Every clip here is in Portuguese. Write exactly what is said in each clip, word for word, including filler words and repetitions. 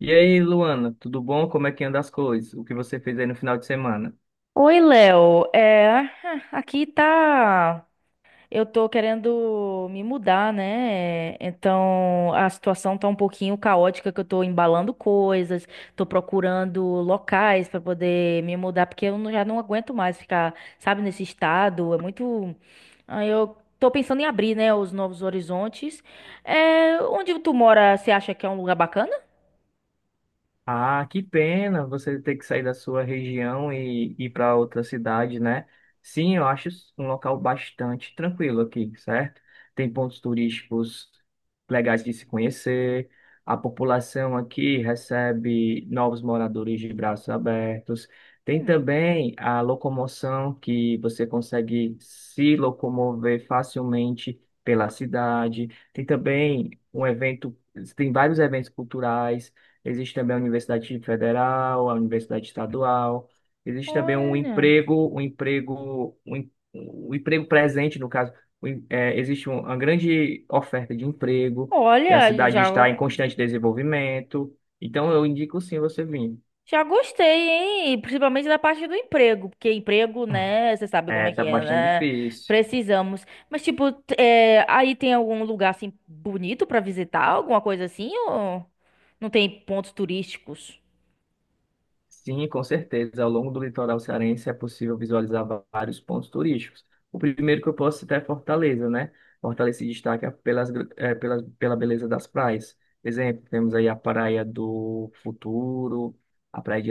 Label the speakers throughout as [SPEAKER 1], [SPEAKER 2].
[SPEAKER 1] E aí, Luana, tudo bom? Como é que anda as coisas? O que você fez aí no final de semana?
[SPEAKER 2] Oi, Léo. É, ah, aqui tá. Eu tô querendo me mudar, né? Então a situação tá um pouquinho caótica, que eu tô embalando coisas, tô procurando locais pra poder me mudar, porque eu não- já não aguento mais ficar, sabe, nesse estado. É muito. Aí eu tô pensando em abrir, né, os novos horizontes. É, onde tu mora, você acha que é um lugar bacana?
[SPEAKER 1] Ah, que pena você ter que sair da sua região e ir para outra cidade, né? Sim, eu acho um local bastante tranquilo aqui, certo? Tem pontos turísticos legais de se conhecer, a população aqui recebe novos moradores de braços abertos. Tem
[SPEAKER 2] Hum,
[SPEAKER 1] também a locomoção que você consegue se locomover facilmente pela cidade. Tem também um evento, tem vários eventos culturais. Existe também a Universidade Federal, a Universidade Estadual. Existe também um
[SPEAKER 2] olha.
[SPEAKER 1] emprego, um emprego, um, em- um emprego presente, no caso. Um em- é, existe um- uma grande oferta de emprego, que a
[SPEAKER 2] Olha,
[SPEAKER 1] cidade está em
[SPEAKER 2] já.
[SPEAKER 1] constante desenvolvimento. Então, eu indico sim você vir.
[SPEAKER 2] Já gostei, hein? Principalmente da parte do emprego, porque emprego, né? Você sabe como
[SPEAKER 1] É,
[SPEAKER 2] é que
[SPEAKER 1] tá
[SPEAKER 2] é,
[SPEAKER 1] bastante
[SPEAKER 2] né?
[SPEAKER 1] difícil.
[SPEAKER 2] Precisamos. Mas, tipo, t- é, aí tem algum lugar assim bonito pra visitar, alguma coisa assim? Ou não tem pontos turísticos?
[SPEAKER 1] Sim, com certeza. Ao longo do litoral cearense é possível visualizar va- vários pontos turísticos. O primeiro que eu posso citar é Fortaleza, né? Fortaleza se destaca pelas, gr- eh, pelas, pela beleza das praias. Exemplo, temos aí a Praia do Futuro, a Praia de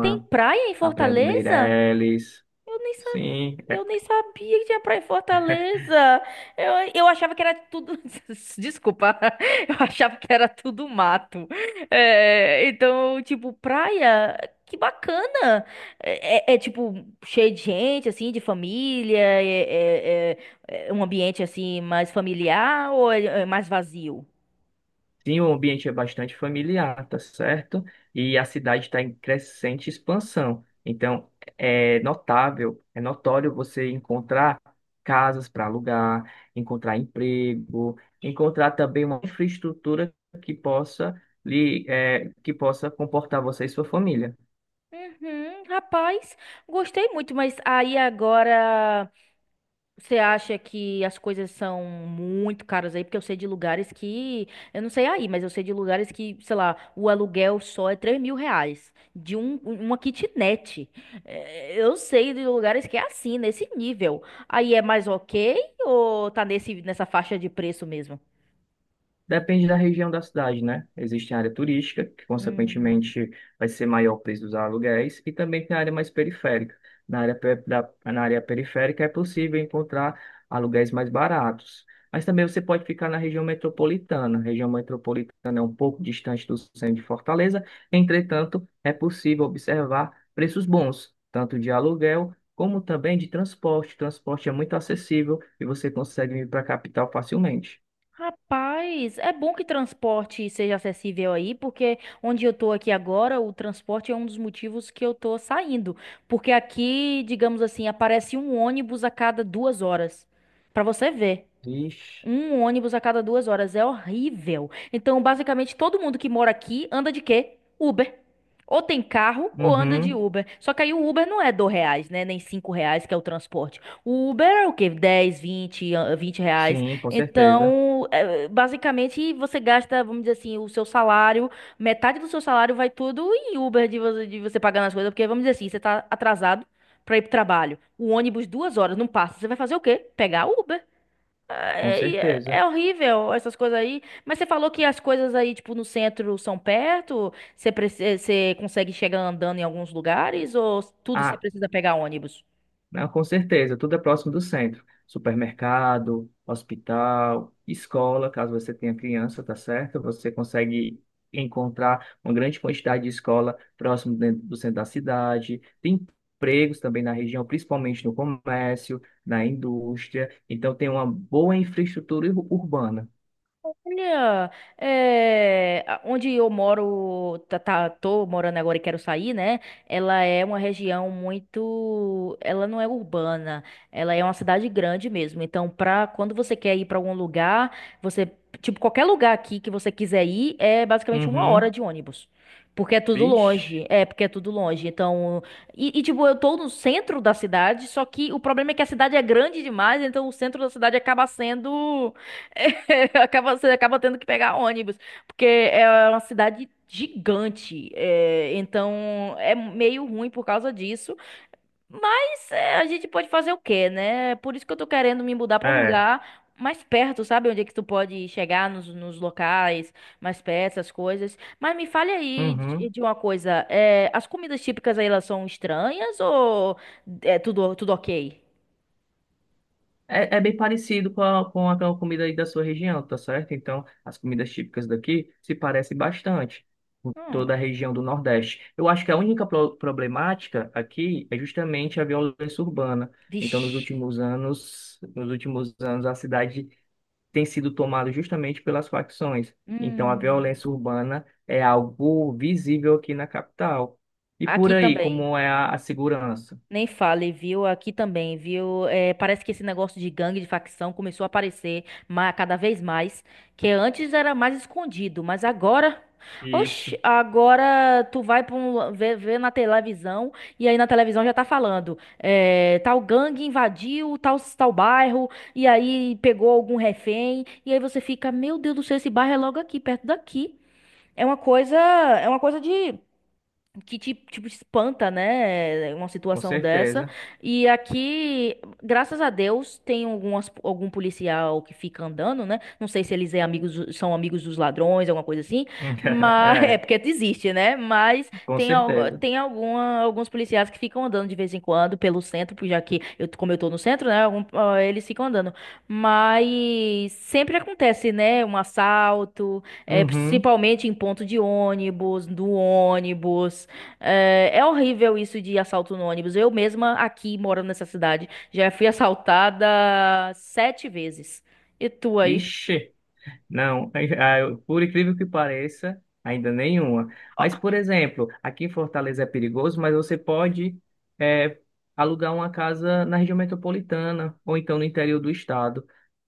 [SPEAKER 2] Tem praia em
[SPEAKER 1] a Praia do
[SPEAKER 2] Fortaleza?
[SPEAKER 1] Meireles.
[SPEAKER 2] Eu nem sabia.
[SPEAKER 1] Sim,
[SPEAKER 2] Eu nem sabia que tinha praia em Fortaleza. Eu, eu achava que era tudo. Desculpa. Eu achava que era tudo mato. É, então, tipo, praia, que bacana. É, é- é, tipo, cheio de gente, assim, de família. É, é- é- É um ambiente, assim, mais familiar ou é é mais vazio?
[SPEAKER 1] sim, o ambiente é bastante familiar, tá certo? E a cidade está em crescente expansão. Então, é notável, é notório você encontrar casas para alugar, encontrar emprego, encontrar também uma infraestrutura que possa lhe, é, que possa comportar você e sua família.
[SPEAKER 2] Uhum, rapaz, gostei muito, mas aí agora. Você acha que as coisas são muito caras aí? Porque eu sei de lugares que. Eu não sei aí, mas eu sei de lugares que, sei lá, o aluguel só é três mil reais de um, uma kitnet. É, eu sei de lugares que é assim, nesse nível. Aí é mais ok ou tá nesse, nessa faixa de preço mesmo?
[SPEAKER 1] Depende da região da cidade, né? Existe a área turística, que
[SPEAKER 2] Hum.
[SPEAKER 1] consequentemente vai ser maior o preço dos aluguéis, e também tem a área mais periférica. Na área, pe- da, na área periférica é possível encontrar aluguéis mais baratos. Mas também você pode ficar na região metropolitana. A região metropolitana é um pouco distante do centro de Fortaleza, entretanto, é possível observar preços bons, tanto de aluguel como também de transporte. O transporte é muito acessível e você consegue vir para a capital facilmente.
[SPEAKER 2] Rapaz, é bom que transporte seja acessível aí, porque onde eu tô aqui agora, o transporte é um dos motivos que eu tô saindo. Porque aqui, digamos assim, aparece um ônibus a cada duas horas. Pra você ver.
[SPEAKER 1] Vixe.
[SPEAKER 2] Um ônibus a cada duas horas é horrível. Então, basicamente, todo mundo que mora aqui anda de quê? Uber. Ou tem carro ou anda de
[SPEAKER 1] Uhum,
[SPEAKER 2] Uber. Só que aí o Uber não é dois reais, né? Nem cinco reais, que é o transporte. O Uber é o quê? Dez, vinte, ah, vinte reais.
[SPEAKER 1] sim, com certeza,
[SPEAKER 2] Então, é, basicamente, você gasta, vamos dizer assim, o seu salário, metade do seu salário vai tudo em Uber de você, de você pagar nas coisas. Porque, vamos dizer assim, você tá atrasado pra ir pro trabalho. O ônibus duas horas não passa. Você vai fazer o quê? Pegar Uber.
[SPEAKER 1] com
[SPEAKER 2] É, é-
[SPEAKER 1] certeza.
[SPEAKER 2] é horrível essas coisas aí. Mas você falou que as coisas aí, tipo, no centro são perto? Você, preci- você consegue chegar andando em alguns lugares? Ou tudo você
[SPEAKER 1] Ah,
[SPEAKER 2] precisa pegar ônibus?
[SPEAKER 1] não, com certeza, tudo é próximo do centro. Supermercado, hospital, escola, caso você tenha criança, tá certo? Você consegue encontrar uma grande quantidade de escola próximo dentro do centro da cidade. Tem empregos também na região, principalmente no comércio, na indústria. Então tem uma boa infraestrutura ur- urbana.
[SPEAKER 2] Olha, é, a- onde eu moro, tá, tá- tô morando agora e quero sair, né? Ela é uma região muito, ela não é urbana, ela é uma cidade grande mesmo. Então, pra quando você quer ir pra algum lugar, você, tipo, qualquer lugar aqui que você quiser ir, é basicamente uma hora
[SPEAKER 1] Uhum,
[SPEAKER 2] de ônibus. Porque é tudo
[SPEAKER 1] vixe,
[SPEAKER 2] longe, é, porque é tudo longe. Então, e, e, tipo, eu tô no centro da cidade, só que o problema é que a cidade é grande demais, então o centro da cidade acaba sendo acaba, você acaba tendo que pegar ônibus, porque é uma cidade gigante, é, então é meio ruim por causa disso, mas é, a gente pode fazer o quê, né? Por isso que eu tô querendo me mudar pra um
[SPEAKER 1] é.
[SPEAKER 2] lugar mais perto, sabe? Onde é que tu pode chegar nos, nos locais mais perto, essas coisas. Mas me fale aí de,
[SPEAKER 1] Uhum.
[SPEAKER 2] de uma coisa, é, as comidas típicas aí elas são estranhas ou é tudo, tudo ok?
[SPEAKER 1] É, é bem parecido com a, com a, com a comida aí da sua região, tá certo? Então, as comidas típicas daqui se parecem bastante com
[SPEAKER 2] Hum,
[SPEAKER 1] toda a região do Nordeste. Eu acho que a única pro- problemática aqui é justamente a violência urbana. Então, nos
[SPEAKER 2] vixe.
[SPEAKER 1] últimos anos, nos últimos anos, a cidade tem sido tomada justamente pelas facções. Então, a
[SPEAKER 2] Hum,
[SPEAKER 1] violência urbana é algo visível aqui na capital. E por
[SPEAKER 2] aqui
[SPEAKER 1] aí,
[SPEAKER 2] também.
[SPEAKER 1] como é a, a segurança?
[SPEAKER 2] Nem fale, viu? Aqui também, viu? É, parece que esse negócio de gangue, de facção, começou a aparecer ma- cada vez mais. Que antes era mais escondido, mas agora.
[SPEAKER 1] Isso,
[SPEAKER 2] Oxi, agora tu vai pra um, lu- ver, ver na televisão e aí na televisão já tá falando. É, tal gangue invadiu tal, tal bairro e aí pegou algum refém. E aí você fica, meu Deus do céu, esse bairro é logo aqui, perto daqui. É uma coisa, é uma coisa de que te, tipo, espanta, né? Uma
[SPEAKER 1] com
[SPEAKER 2] situação dessa.
[SPEAKER 1] certeza.
[SPEAKER 2] E aqui, graças a Deus, tem algumas, algum policial que fica andando, né? Não sei se eles é amigos, são amigos dos ladrões, alguma coisa assim. Mas é
[SPEAKER 1] É.
[SPEAKER 2] porque existe, né? Mas
[SPEAKER 1] Com
[SPEAKER 2] tem, al-
[SPEAKER 1] certeza.
[SPEAKER 2] tem alguma, alguns policiais que ficam andando de vez em quando pelo centro, porque já que eu, como eu tô no centro, né? Algum- ah, eles ficam andando. Mas sempre acontece, né? Um assalto, é,
[SPEAKER 1] Uhum.
[SPEAKER 2] principalmente em ponto de ônibus, do ônibus. É, é horrível isso de assalto no ônibus. Eu mesma, aqui, morando nessa cidade, já fui assaltada sete vezes. E tu aí?
[SPEAKER 1] Vixe. Não, ah, eu- por incrível que pareça, ainda nenhuma.
[SPEAKER 2] Ó,
[SPEAKER 1] Mas, por exemplo, aqui em Fortaleza é perigoso, mas você pode eh, alugar uma casa na região metropolitana ou então no interior do estado.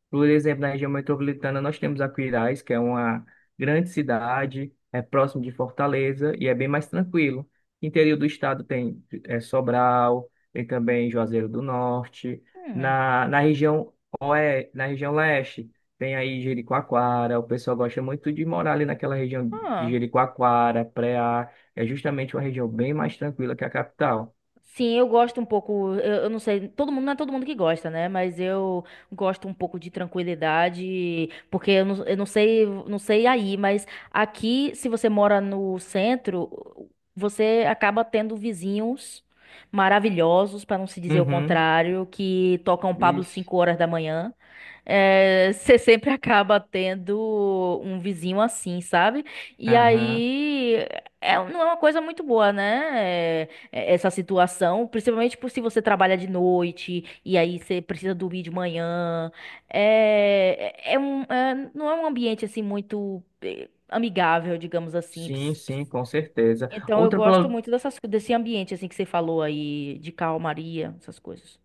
[SPEAKER 1] Por exemplo, na região metropolitana, nós temos Aquiraz, que é uma grande cidade, é próximo de Fortaleza e é bem mais tranquilo. Interior do estado tem é, Sobral, tem também Juazeiro do Norte.
[SPEAKER 2] hum,
[SPEAKER 1] Na, na região oe, na região leste, tem aí Jericoacoara. O pessoal gosta muito de morar ali naquela região de
[SPEAKER 2] ah.
[SPEAKER 1] Jericoacoara, Preá é justamente uma região bem mais tranquila que a capital.
[SPEAKER 2] Sim, eu gosto um pouco, eu, eu não sei, todo mundo, não é todo mundo que gosta, né? Mas eu gosto um pouco de tranquilidade, porque eu não, eu não sei, não sei aí, mas aqui, se você mora no centro, você acaba tendo vizinhos maravilhosos, para não se dizer o
[SPEAKER 1] Uhum.
[SPEAKER 2] contrário, que tocam Pablo
[SPEAKER 1] Ixi.
[SPEAKER 2] cinco horas da manhã. É, você sempre acaba tendo um vizinho assim, sabe? E
[SPEAKER 1] Aham.
[SPEAKER 2] aí, é, não é uma coisa muito boa, né? É, essa situação, principalmente por se você trabalha de noite e aí você precisa dormir de manhã. É, é é um, é- não é um ambiente assim muito eh, amigável, digamos assim.
[SPEAKER 1] Sim,
[SPEAKER 2] Ps- ps.
[SPEAKER 1] sim, com certeza.
[SPEAKER 2] Então eu
[SPEAKER 1] Outra,
[SPEAKER 2] gosto
[SPEAKER 1] pro-
[SPEAKER 2] muito dessas, co- desse ambiente assim que você falou aí de calmaria, essas coisas.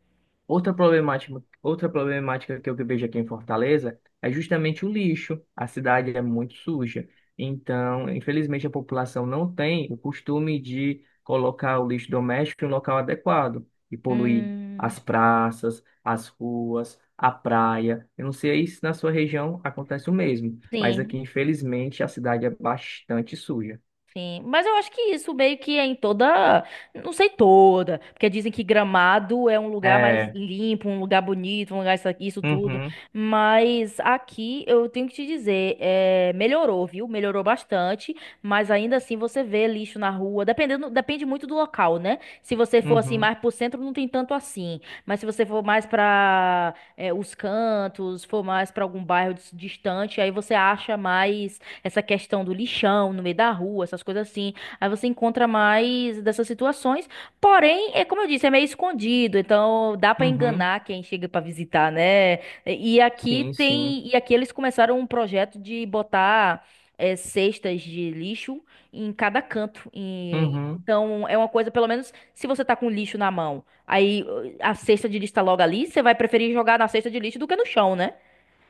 [SPEAKER 1] Outra problemática, outra problemática que eu vejo aqui em Fortaleza é justamente o lixo. A cidade é muito suja. Então, infelizmente, a população não tem o costume de colocar o lixo doméstico em um local adequado e poluir
[SPEAKER 2] Hum,
[SPEAKER 1] as praças, as ruas, a praia. Eu não sei se na sua região acontece o mesmo, mas
[SPEAKER 2] sim.
[SPEAKER 1] aqui, infelizmente, a cidade é bastante suja.
[SPEAKER 2] Sim, mas eu acho que isso meio que é em toda, não sei toda, porque dizem que Gramado é um lugar mais
[SPEAKER 1] É.
[SPEAKER 2] limpo, um lugar bonito, um lugar isso, aqui, isso tudo,
[SPEAKER 1] Uhum,
[SPEAKER 2] mas aqui eu tenho que te dizer, é, melhorou, viu? Melhorou bastante, mas ainda assim você vê lixo na rua, dependendo, depende muito do local, né? Se você for assim
[SPEAKER 1] uhum,
[SPEAKER 2] mais pro centro, não tem tanto assim, mas se você for mais pra, é, os cantos, for mais pra algum bairro dis- distante, aí você acha mais essa questão do lixão no meio da rua, essas coisas assim. Aí você encontra mais dessas situações. Porém, é como eu disse, é meio escondido, então dá pra
[SPEAKER 1] uhum.
[SPEAKER 2] enganar quem chega pra visitar, né? E aqui
[SPEAKER 1] Sim, sim.
[SPEAKER 2] tem, e aqui eles começaram um projeto de botar eh, cestas de lixo em cada canto. E-
[SPEAKER 1] Uhum,
[SPEAKER 2] então é uma coisa, pelo menos, se você tá com lixo na mão, aí uh, a cesta de lixo tá logo ali, você vai preferir jogar na cesta de lixo do que no chão, né?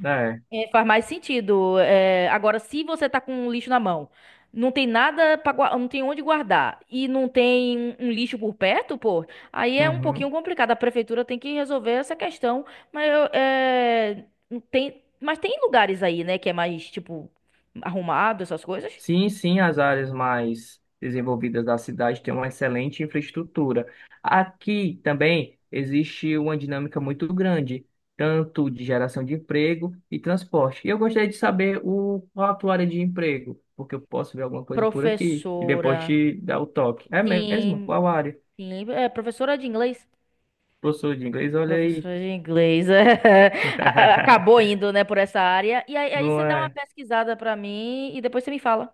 [SPEAKER 1] é.
[SPEAKER 2] É, faz mais sentido. É, agora, se você tá com um lixo na mão, não tem nada para não tem onde guardar e não tem um um lixo por perto, pô, aí é um pouquinho
[SPEAKER 1] Uhum.
[SPEAKER 2] complicado. A prefeitura tem que resolver essa questão, mas eu, é, não tem, mas tem lugares aí, né, que é mais tipo arrumado, essas coisas.
[SPEAKER 1] Sim, sim, as áreas mais desenvolvidas da cidade têm uma excelente infraestrutura. Aqui também existe uma dinâmica muito grande, tanto de geração de emprego e transporte. E eu gostaria de saber o, qual a tua área de emprego, porque eu posso ver alguma coisa por aqui e depois
[SPEAKER 2] Professora,
[SPEAKER 1] te dar o toque. É mesmo?
[SPEAKER 2] sim,
[SPEAKER 1] Qual área?
[SPEAKER 2] sim, é professora de inglês.
[SPEAKER 1] Professor de inglês, olha aí.
[SPEAKER 2] Professora de inglês. É. A- a- Acabou indo, né, por essa área. E aí, aí
[SPEAKER 1] Não
[SPEAKER 2] você dá uma
[SPEAKER 1] é?
[SPEAKER 2] pesquisada pra mim e depois você me fala.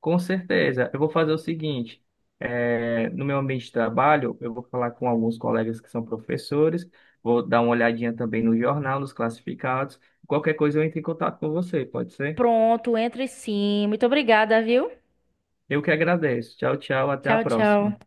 [SPEAKER 1] Com certeza. Eu vou fazer o seguinte: eh, no meu ambiente de trabalho, eu vou falar com alguns colegas que são professores, vou dar uma olhadinha também no jornal, nos classificados. Qualquer coisa eu entro em contato com você, pode ser?
[SPEAKER 2] Pronto, entre sim. Muito obrigada, viu?
[SPEAKER 1] Eu que agradeço. Tchau, tchau, até a
[SPEAKER 2] Tchau,
[SPEAKER 1] próxima.
[SPEAKER 2] tchau.